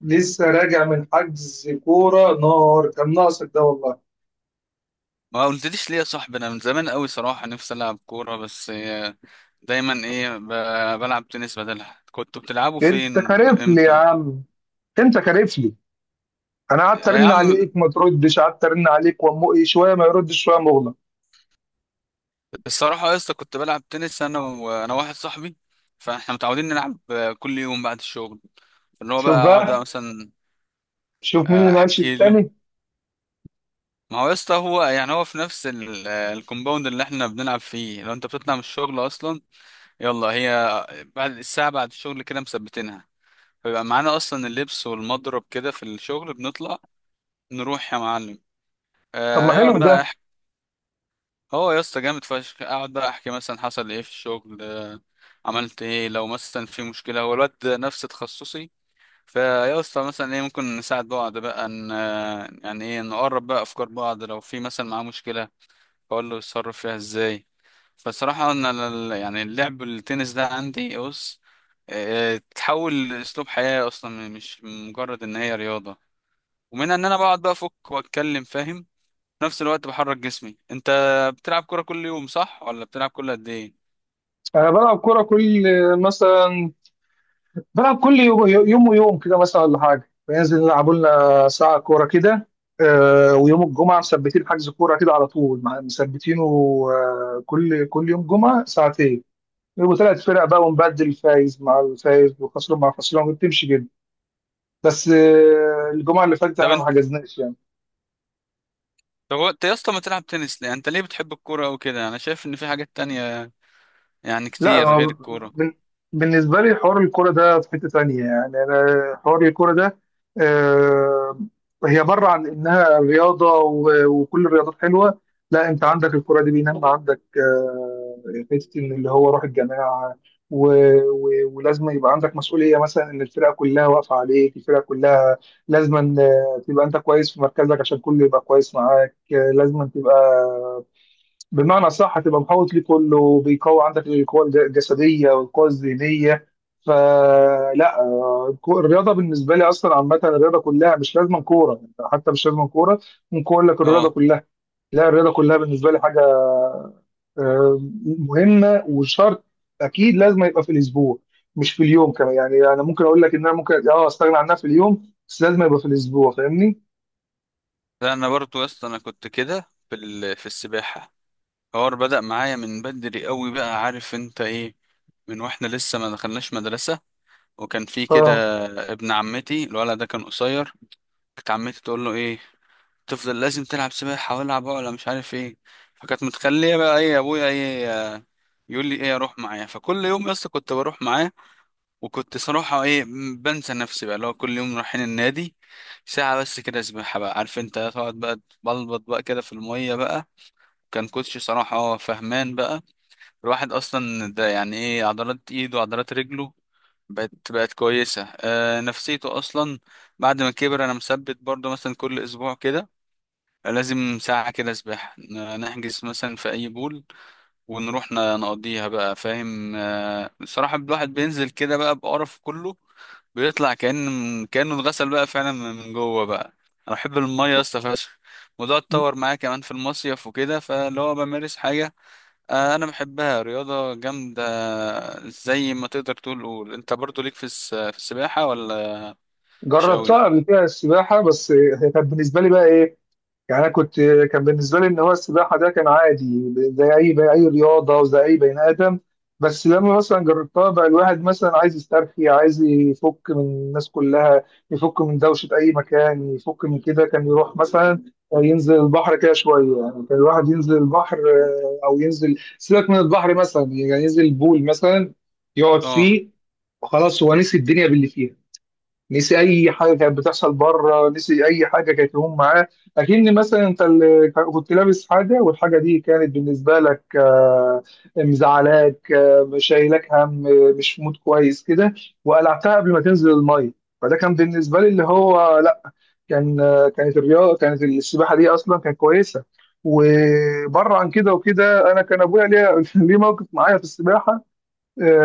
لسه راجع من حجز كورة نار. كان ناقصك ده والله. ما قلتليش ليه يا صاحبي؟ انا من زمان قوي صراحه نفسي العب كوره، بس دايما ايه بلعب تنس بدلها. كنتوا بتلعبوا انت فين كارف لي يا وامتى؟ عم، انت كارف لي. انا قعدت يا ارن عم عليك ما تردش، قعدت ارن عليك وامو ايه، شويه ما يردش شويه مغلق. الصراحه يا اسطى، كنت بلعب تنس انا وانا واحد صاحبي. فاحنا متعودين نلعب، كل يوم بعد الشغل، اللي هو شوف بقى اقعد بقى، مثلا. شوف مين اللي ما قالش احكي له. التاني. ما هو يا اسطى هو يعني هو في نفس الكومباوند اللي احنا بنلعب فيه. لو انت بتطلع من الشغل اصلا، يلا هي بعد الساعه، بعد الشغل كده مثبتينها. بيبقى معانا اصلا اللبس والمضرب كده في الشغل، بنطلع نروح يا معلم. طب آه ما يقعد حلو بقى ده. يحكي. هو يا اسطى جامد فشخ، اقعد بقى احكي مثلا حصل ايه في الشغل، آه عملت ايه لو مثلا في مشكله. هو الواد ده نفس تخصصي، فيا اسطى مثلا ايه ممكن نساعد بعض بقى، ان يعني ايه نقرب بقى افكار بعض لو في مثلا معاه مشكله، اقول له يتصرف فيها ازاي. فصراحه انا يعني اللعب التنس ده عندي بص، تحول لاسلوب حياه اصلا، مش مجرد ان هي رياضه. ومنها ان انا بقعد بقى افك واتكلم، فاهم؟ في نفس الوقت بحرك جسمي. انت بتلعب كوره كل يوم صح، ولا بتلعب كل قد ايه؟ انا بلعب كوره كل، مثلا بلعب كل يوم، يوم ويوم كده مثلا، ولا حاجه بننزل نلعب لنا ساعه كوره كده. ويوم الجمعه مثبتين حجز كوره كده على طول، مثبتينه. كل يوم جمعه ساعتين، وثلاث فرق بقى، ونبدل فايز مع الفايز وخسران مع خسران، وبتمشي كده. بس الجمعه اللي فاتت طب احنا ما انت، حجزناش يعني. طب انت يا اسطى ما تلعب تنس ليه؟ انت ليه بتحب الكوره او كده؟ انا شايف ان في حاجات تانية يعني لا كتير غير هو الكوره. بن- بالنسبة لي حوار الكرة ده في حتة تانية، يعني أنا حوار الكرة ده آه، هي بره عن إنها رياضة وكل الرياضات حلوة. لا، أنت عندك الكرة دي بينما عندك حتة إن اللي هو روح الجماعة. و... و... ولازم يبقى عندك مسؤولية، مثلا إن الفرقة كلها واقفة عليك، الفرقة كلها لازم تبقى أنت كويس في مركزك عشان كله يبقى كويس معاك. لازم تبقى بمعنى صح، هتبقى محوط ليه كله بيقوي عندك القوة الجسدية والقوة الذهنية. فلا الرياضة بالنسبة لي أصلا، عامة الرياضة كلها مش لازم كورة، يعني حتى مش لازم كورة، ممكن أقول لك الرياضة اه، كلها. لا، الرياضة كلها بالنسبة لي حاجة آه، مهمة وشرط. أكيد لازم يبقى في الأسبوع، مش في اليوم كمان، يعني أنا ممكن أقول لك إن أنا ممكن أستغنى عنها في اليوم، بس لازم يبقى في الأسبوع. فاهمني؟ لا انا برضو يا اسطى انا كنت كده في في السباحه. الحوار بدأ معايا من بدري قوي بقى، عارف انت ايه؟ من واحنا لسه ما دخلناش مدرسه، وكان في كده أه ابن عمتي، الولد ده كان قصير. كانت عمتي تقول له ايه، تفضل لازم تلعب سباحة والعب عقلة مش عارف ايه. فكانت متخلية بقى ايه ابويا ايه، آه، يقول لي ايه اروح معاه. فكل يوم يا اسطى كنت بروح معاه، وكنت صراحة ايه بنسى نفسي بقى. اللي هو كل يوم رايحين النادي ساعة بس كده سباحة بقى، عارف انت، تقعد بقى تبلبط بقى كده في المية بقى. كان كوتش صراحة اه فهمان بقى. الواحد اصلا ده يعني ايه عضلات ايده وعضلات رجله بقت كويسة، آه نفسيته اصلا. بعد ما كبر انا مثبت برضه مثلا كل اسبوع كده لازم ساعة كده سباحة، نحجز مثلا في أي بول ونروح نقضيها بقى، فاهم؟ بصراحة الواحد بينزل كده بقى بقرف كله، بيطلع كأن كأنه اتغسل بقى فعلا من جوه بقى. أنا بحب المية يا اسطى فشخ. الموضوع اتطور معايا كمان في المصيف وكده، فاللي هو بمارس حاجة، أنا بحبها رياضة جامدة. زي ما تقدر تقول، قول أنت برضو ليك في في السباحة ولا مش أوي؟ جربتها قبل كده السباحة، بس هي كانت بالنسبة لي بقى إيه. يعني انا كنت، كان بالنسبه لي ان هو السباحه ده كان عادي زي اي، زي اي رياضه، وزي اي بني ادم. بس لما مثلا جربتها بقى، الواحد مثلا عايز يسترخي، عايز يفك من الناس كلها، يفك من دوشه، اي مكان يفك من كده، كان يروح مثلا ينزل البحر كده شويه. يعني كان الواحد ينزل البحر او ينزل، سيبك من البحر مثلا، يعني ينزل البول مثلا، يقعد اه فيه وخلاص، هو نسي الدنيا باللي فيها. نسي اي حاجه كانت بتحصل بره، نسي اي حاجه كانت لهم معاه. اكن مثلا انت كنت لابس حاجه، والحاجه دي كانت بالنسبه لك مزعلاك، شايلك هم، مش في مود كويس كده، وقلعتها قبل ما تنزل الميه. فده كان بالنسبه لي اللي هو، لا كان كانت الرياضه، كانت السباحه دي اصلا كانت كويسه. وبره عن كده وكده، انا كان ابويا ليه ليه موقف معايا في السباحه.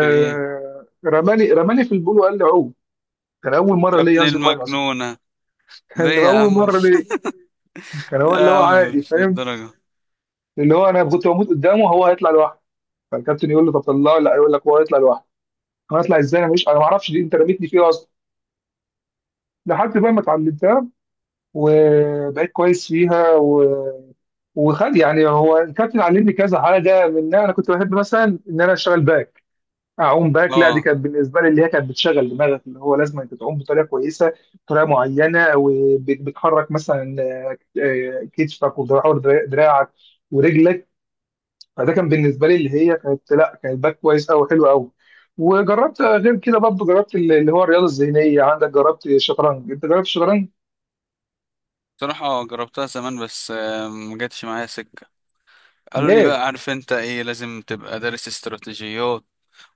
في إيه؟ رماني في البول وقال لي عوم. كان اول مره يا ليا ابن انزل ميه اصلا، المجنونة، كان ليه بيبقى يا اول عم؟ مره ليه. كان هو لا اللي يا هو عم عادي مش فاهم. للدرجة. اللي هو انا كنت بموت قدامه، هو هيطلع لوحده. فالكابتن يقول له طب طلعه، لا يقول لك هو هيطلع لوحده. انا هطلع ازاي؟ انا مش، انا ما اعرفش دي، انت رميتني فيها اصلا. لحد بقى ما اتعلمتها وبقيت كويس فيها وخد. يعني هو الكابتن علمني كذا حاجه، منها انا كنت بحب مثلا ان انا اشتغل باك، اعوم باك. لا دي اه كانت بالنسبه لي اللي هي كانت بتشغل دماغك، اللي هو لازم انت تعوم بطريقه كويسه، بطريقه معينه، وبتحرك مثلا كتفك ودراعك ودراعك ورجلك. فده كان بالنسبه لي اللي هي كانت، لا كانت باك كويس قوي، حلو قوي. وجربت غير كده برضه، جربت اللي هو الرياضه الذهنيه. عندك جربت الشطرنج؟ انت جربت الشطرنج؟ بصراحة جربتها زمان، بس ما جاتش معايا سكة. قالوا لي ليه؟ بقى عارف انت ايه، لازم تبقى دارس استراتيجيات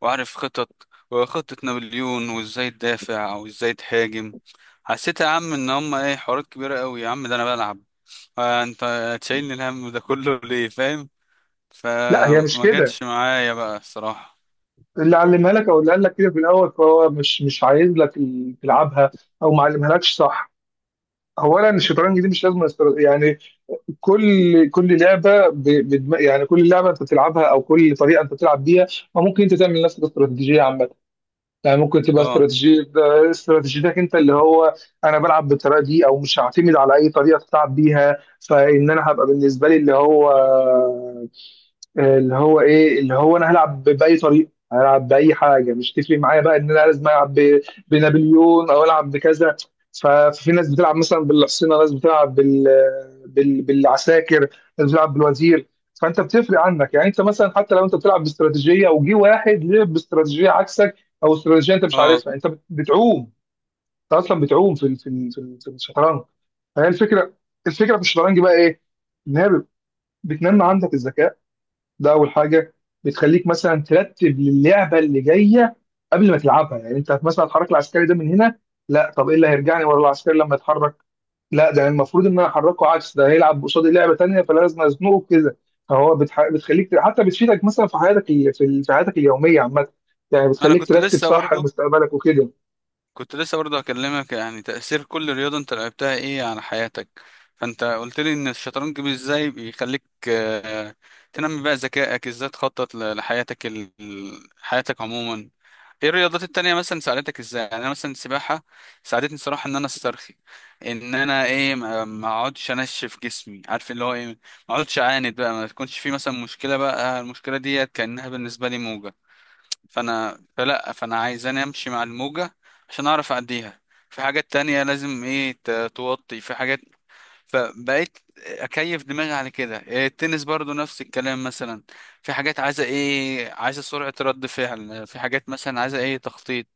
وعارف خطط وخطة نابليون وازاي تدافع او ازاي تهاجم. حسيت يا عم ان هم ايه حوارات كبيرة قوي يا عم، ده انا بلعب انت تشيلني الهم ده كله ليه، فاهم؟ لا هي مش فما كده. جاتش معايا بقى الصراحة. اللي علمها لك او اللي قال لك كده في الاول فهو مش عايز لك تلعبها، او ما علمها لكش صح. اولا الشطرنج دي مش لازم يعني كل كل لعبه يعني كل لعبه انت بتلعبها او كل طريقه انت بتلعب بيها، ما ممكن انت تعمل نفس الاستراتيجيه عامه. يعني ممكن تبقى اه. استراتيجية، استراتيجيتك انت اللي هو انا بلعب بالطريقه دي، او مش هعتمد على اي طريقه تلعب بيها. فان انا هبقى بالنسبه لي اللي هو، اللي هو ايه، اللي هو انا هلعب باي طريقه، هلعب باي حاجه، مش تفرق معايا بقى ان انا لازم العب بنابليون او العب بكذا. ففي ناس بتلعب مثلا بالحصينه، ناس بتلعب بالعساكر، ناس بتلعب بالوزير. فانت بتفرق عنك، يعني انت مثلا حتى لو انت بتلعب باستراتيجيه وجي واحد لعب باستراتيجيه عكسك، او استراتيجيه انت مش اه عارفها، انت بتعوم. انت اصلا بتعوم في الشطرنج. فهي الفكره. الفكره في الشطرنج بقى ايه؟ ان هي بتنمي عندك الذكاء، ده اول حاجه. بتخليك مثلا ترتب للعبه اللي جايه قبل ما تلعبها. يعني انت مثلا هتحرك العسكري ده من هنا، لا طب ايه اللي هيرجعني ورا العسكري لما يتحرك، لا ده المفروض ان انا احركه عكس ده، هيلعب قصادي لعبه تانيه فلازم ازنقه كده. فهو بتخليك، حتى بتفيدك مثلا في حياتك في حياتك اليوميه عامه. يعني انا بتخليك كنت ترتب لسه صح برضو، مستقبلك وكده. كنت لسه برضه هكلمك يعني تأثير كل رياضة انت لعبتها ايه على حياتك. فانت قلت لي ان الشطرنج ازاي بيخليك تنمي بقى ذكائك، ازاي تخطط لحياتك حياتك عموما. ايه الرياضات التانية مثلا ساعدتك ازاي؟ يعني انا مثلا السباحة ساعدتني الصراحة ان انا استرخي، ان انا ايه ما اقعدش انشف جسمي، عارف اللي هو ايه، ما اقعدش اعاند بقى. ما تكونش في مثلا مشكلة بقى، المشكلة ديت كأنها بالنسبة لي موجة، فانا فلا فانا عايزاني امشي مع الموجة عشان اعرف اعديها. في حاجات تانية لازم ايه توطي في حاجات، فبقيت اكيف دماغي على كده. إيه، التنس برضو نفس الكلام. مثلا في حاجات عايزة ايه، عايزة سرعة رد فعل، في حاجات مثلا عايزة ايه تخطيط،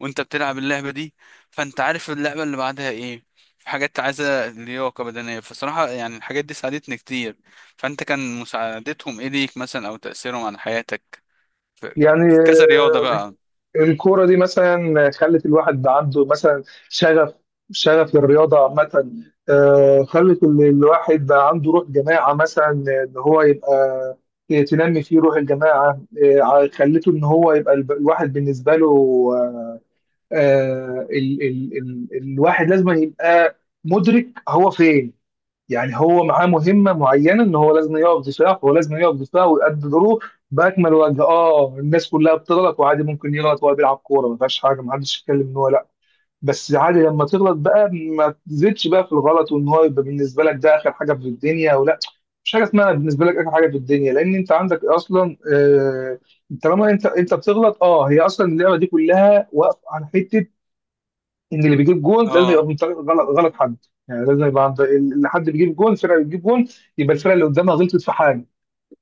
وانت بتلعب اللعبة دي فانت عارف اللعبة اللي بعدها ايه، في حاجات عايزة لياقة بدنية. فصراحة يعني الحاجات دي ساعدتني كتير. فانت كان مساعدتهم ايه ليك مثلا، او تأثيرهم على حياتك في، يعني في كذا رياضة بقى؟ الكورة دي مثلا خلت الواحد عنده مثلا شغف، شغف للرياضة عامة. خلت الواحد بقى عنده روح جماعة مثلا، إن هو يبقى تنمي فيه روح الجماعة. خلته إن هو يبقى الواحد بالنسبة له ال ال ال الواحد لازم يبقى مدرك هو فين. يعني هو معاه مهمه معينه ان هو لازم يقف دفاع، هو لازم يقف دفاع ويأدي دوره باكمل وجه. اه الناس كلها بتغلط وعادي، ممكن يغلط وهو بيلعب كوره، ما فيهاش حاجه، ما حدش يتكلم ان هو لا. بس عادي لما تغلط بقى ما تزيدش بقى في الغلط، وان هو يبقى بالنسبه لك ده اخر حاجه في الدنيا ولا، مش حاجه اسمها بالنسبه لك اخر حاجه في الدنيا، لان انت عندك اصلا طالما انت بتغلط هي اصلا اللعبه دي كلها واقفه على حته، ان اللي بيجيب جون لازم اه. يبقى من طريق غلط، غلط حد. يعني لازم يبقى عند اللي حد بيجيب جون، الفرقه اللي بتجيب جون يبقى الفرقه اللي قدامها غلطت في حاجه.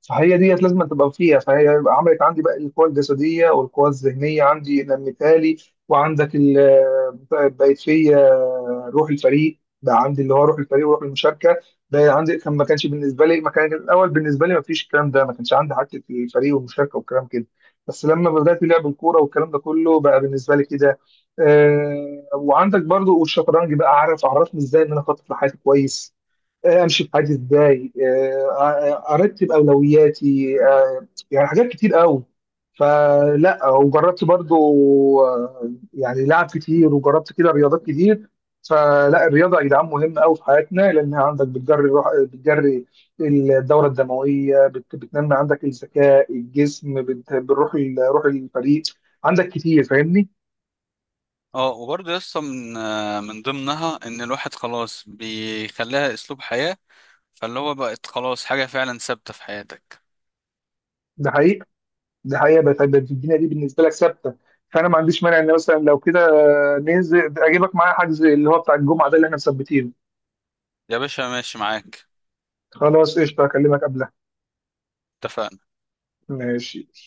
فهي ديت لازم تبقى فيها. فهي عملت عندي بقى القوى الجسديه والقوى الذهنيه، عندي انا مثالي. وعندك بقت فيا روح الفريق بقى عندي، اللي هو روح الفريق وروح المشاركه، بقى عندي. كان ما كانش بالنسبه لي، ما كان الاول بالنسبه لي ما فيش الكلام ده. ما كانش عندي حته الفريق والمشاركه والكلام كده، بس لما بدات لعب الكوره والكلام ده كله بقى بالنسبه لي كده. وعندك برضو، والشطرنج بقى عارف، عرفني ازاي ان انا اخطط لحياتي كويس، امشي في حياتي ازاي، ارتب اولوياتي، يعني حاجات كتير قوي. فلا وجربت برضو يعني لعب كتير، وجربت كده رياضات كتير. فلا الرياضه يا جدعان مهمه قوي في حياتنا، لانها عندك بتجري الروح، بتجري الدوره الدمويه، بتنمي عندك الذكاء، الجسم بتروح روح الفريق عندك كتير. فاهمني؟ اه وبرضه يا اسطى من ضمنها ان الواحد خلاص بيخليها اسلوب حياة، فاللي هو بقت خلاص حاجة فعلا ثابتة في حياتك. ده حقيقه، ده حقيقه، الدنيا دي بالنسبه لك ثابته. فانا ما عنديش مانع ان مثلا لو كده ننزل، اجيبك معايا حجز اللي هو بتاع الجمعه ده اللي احنا مثبتينه. يا باشا ماشي معاك. خلاص قشطه، اكلمك قبلها. اتفقنا. ماشي.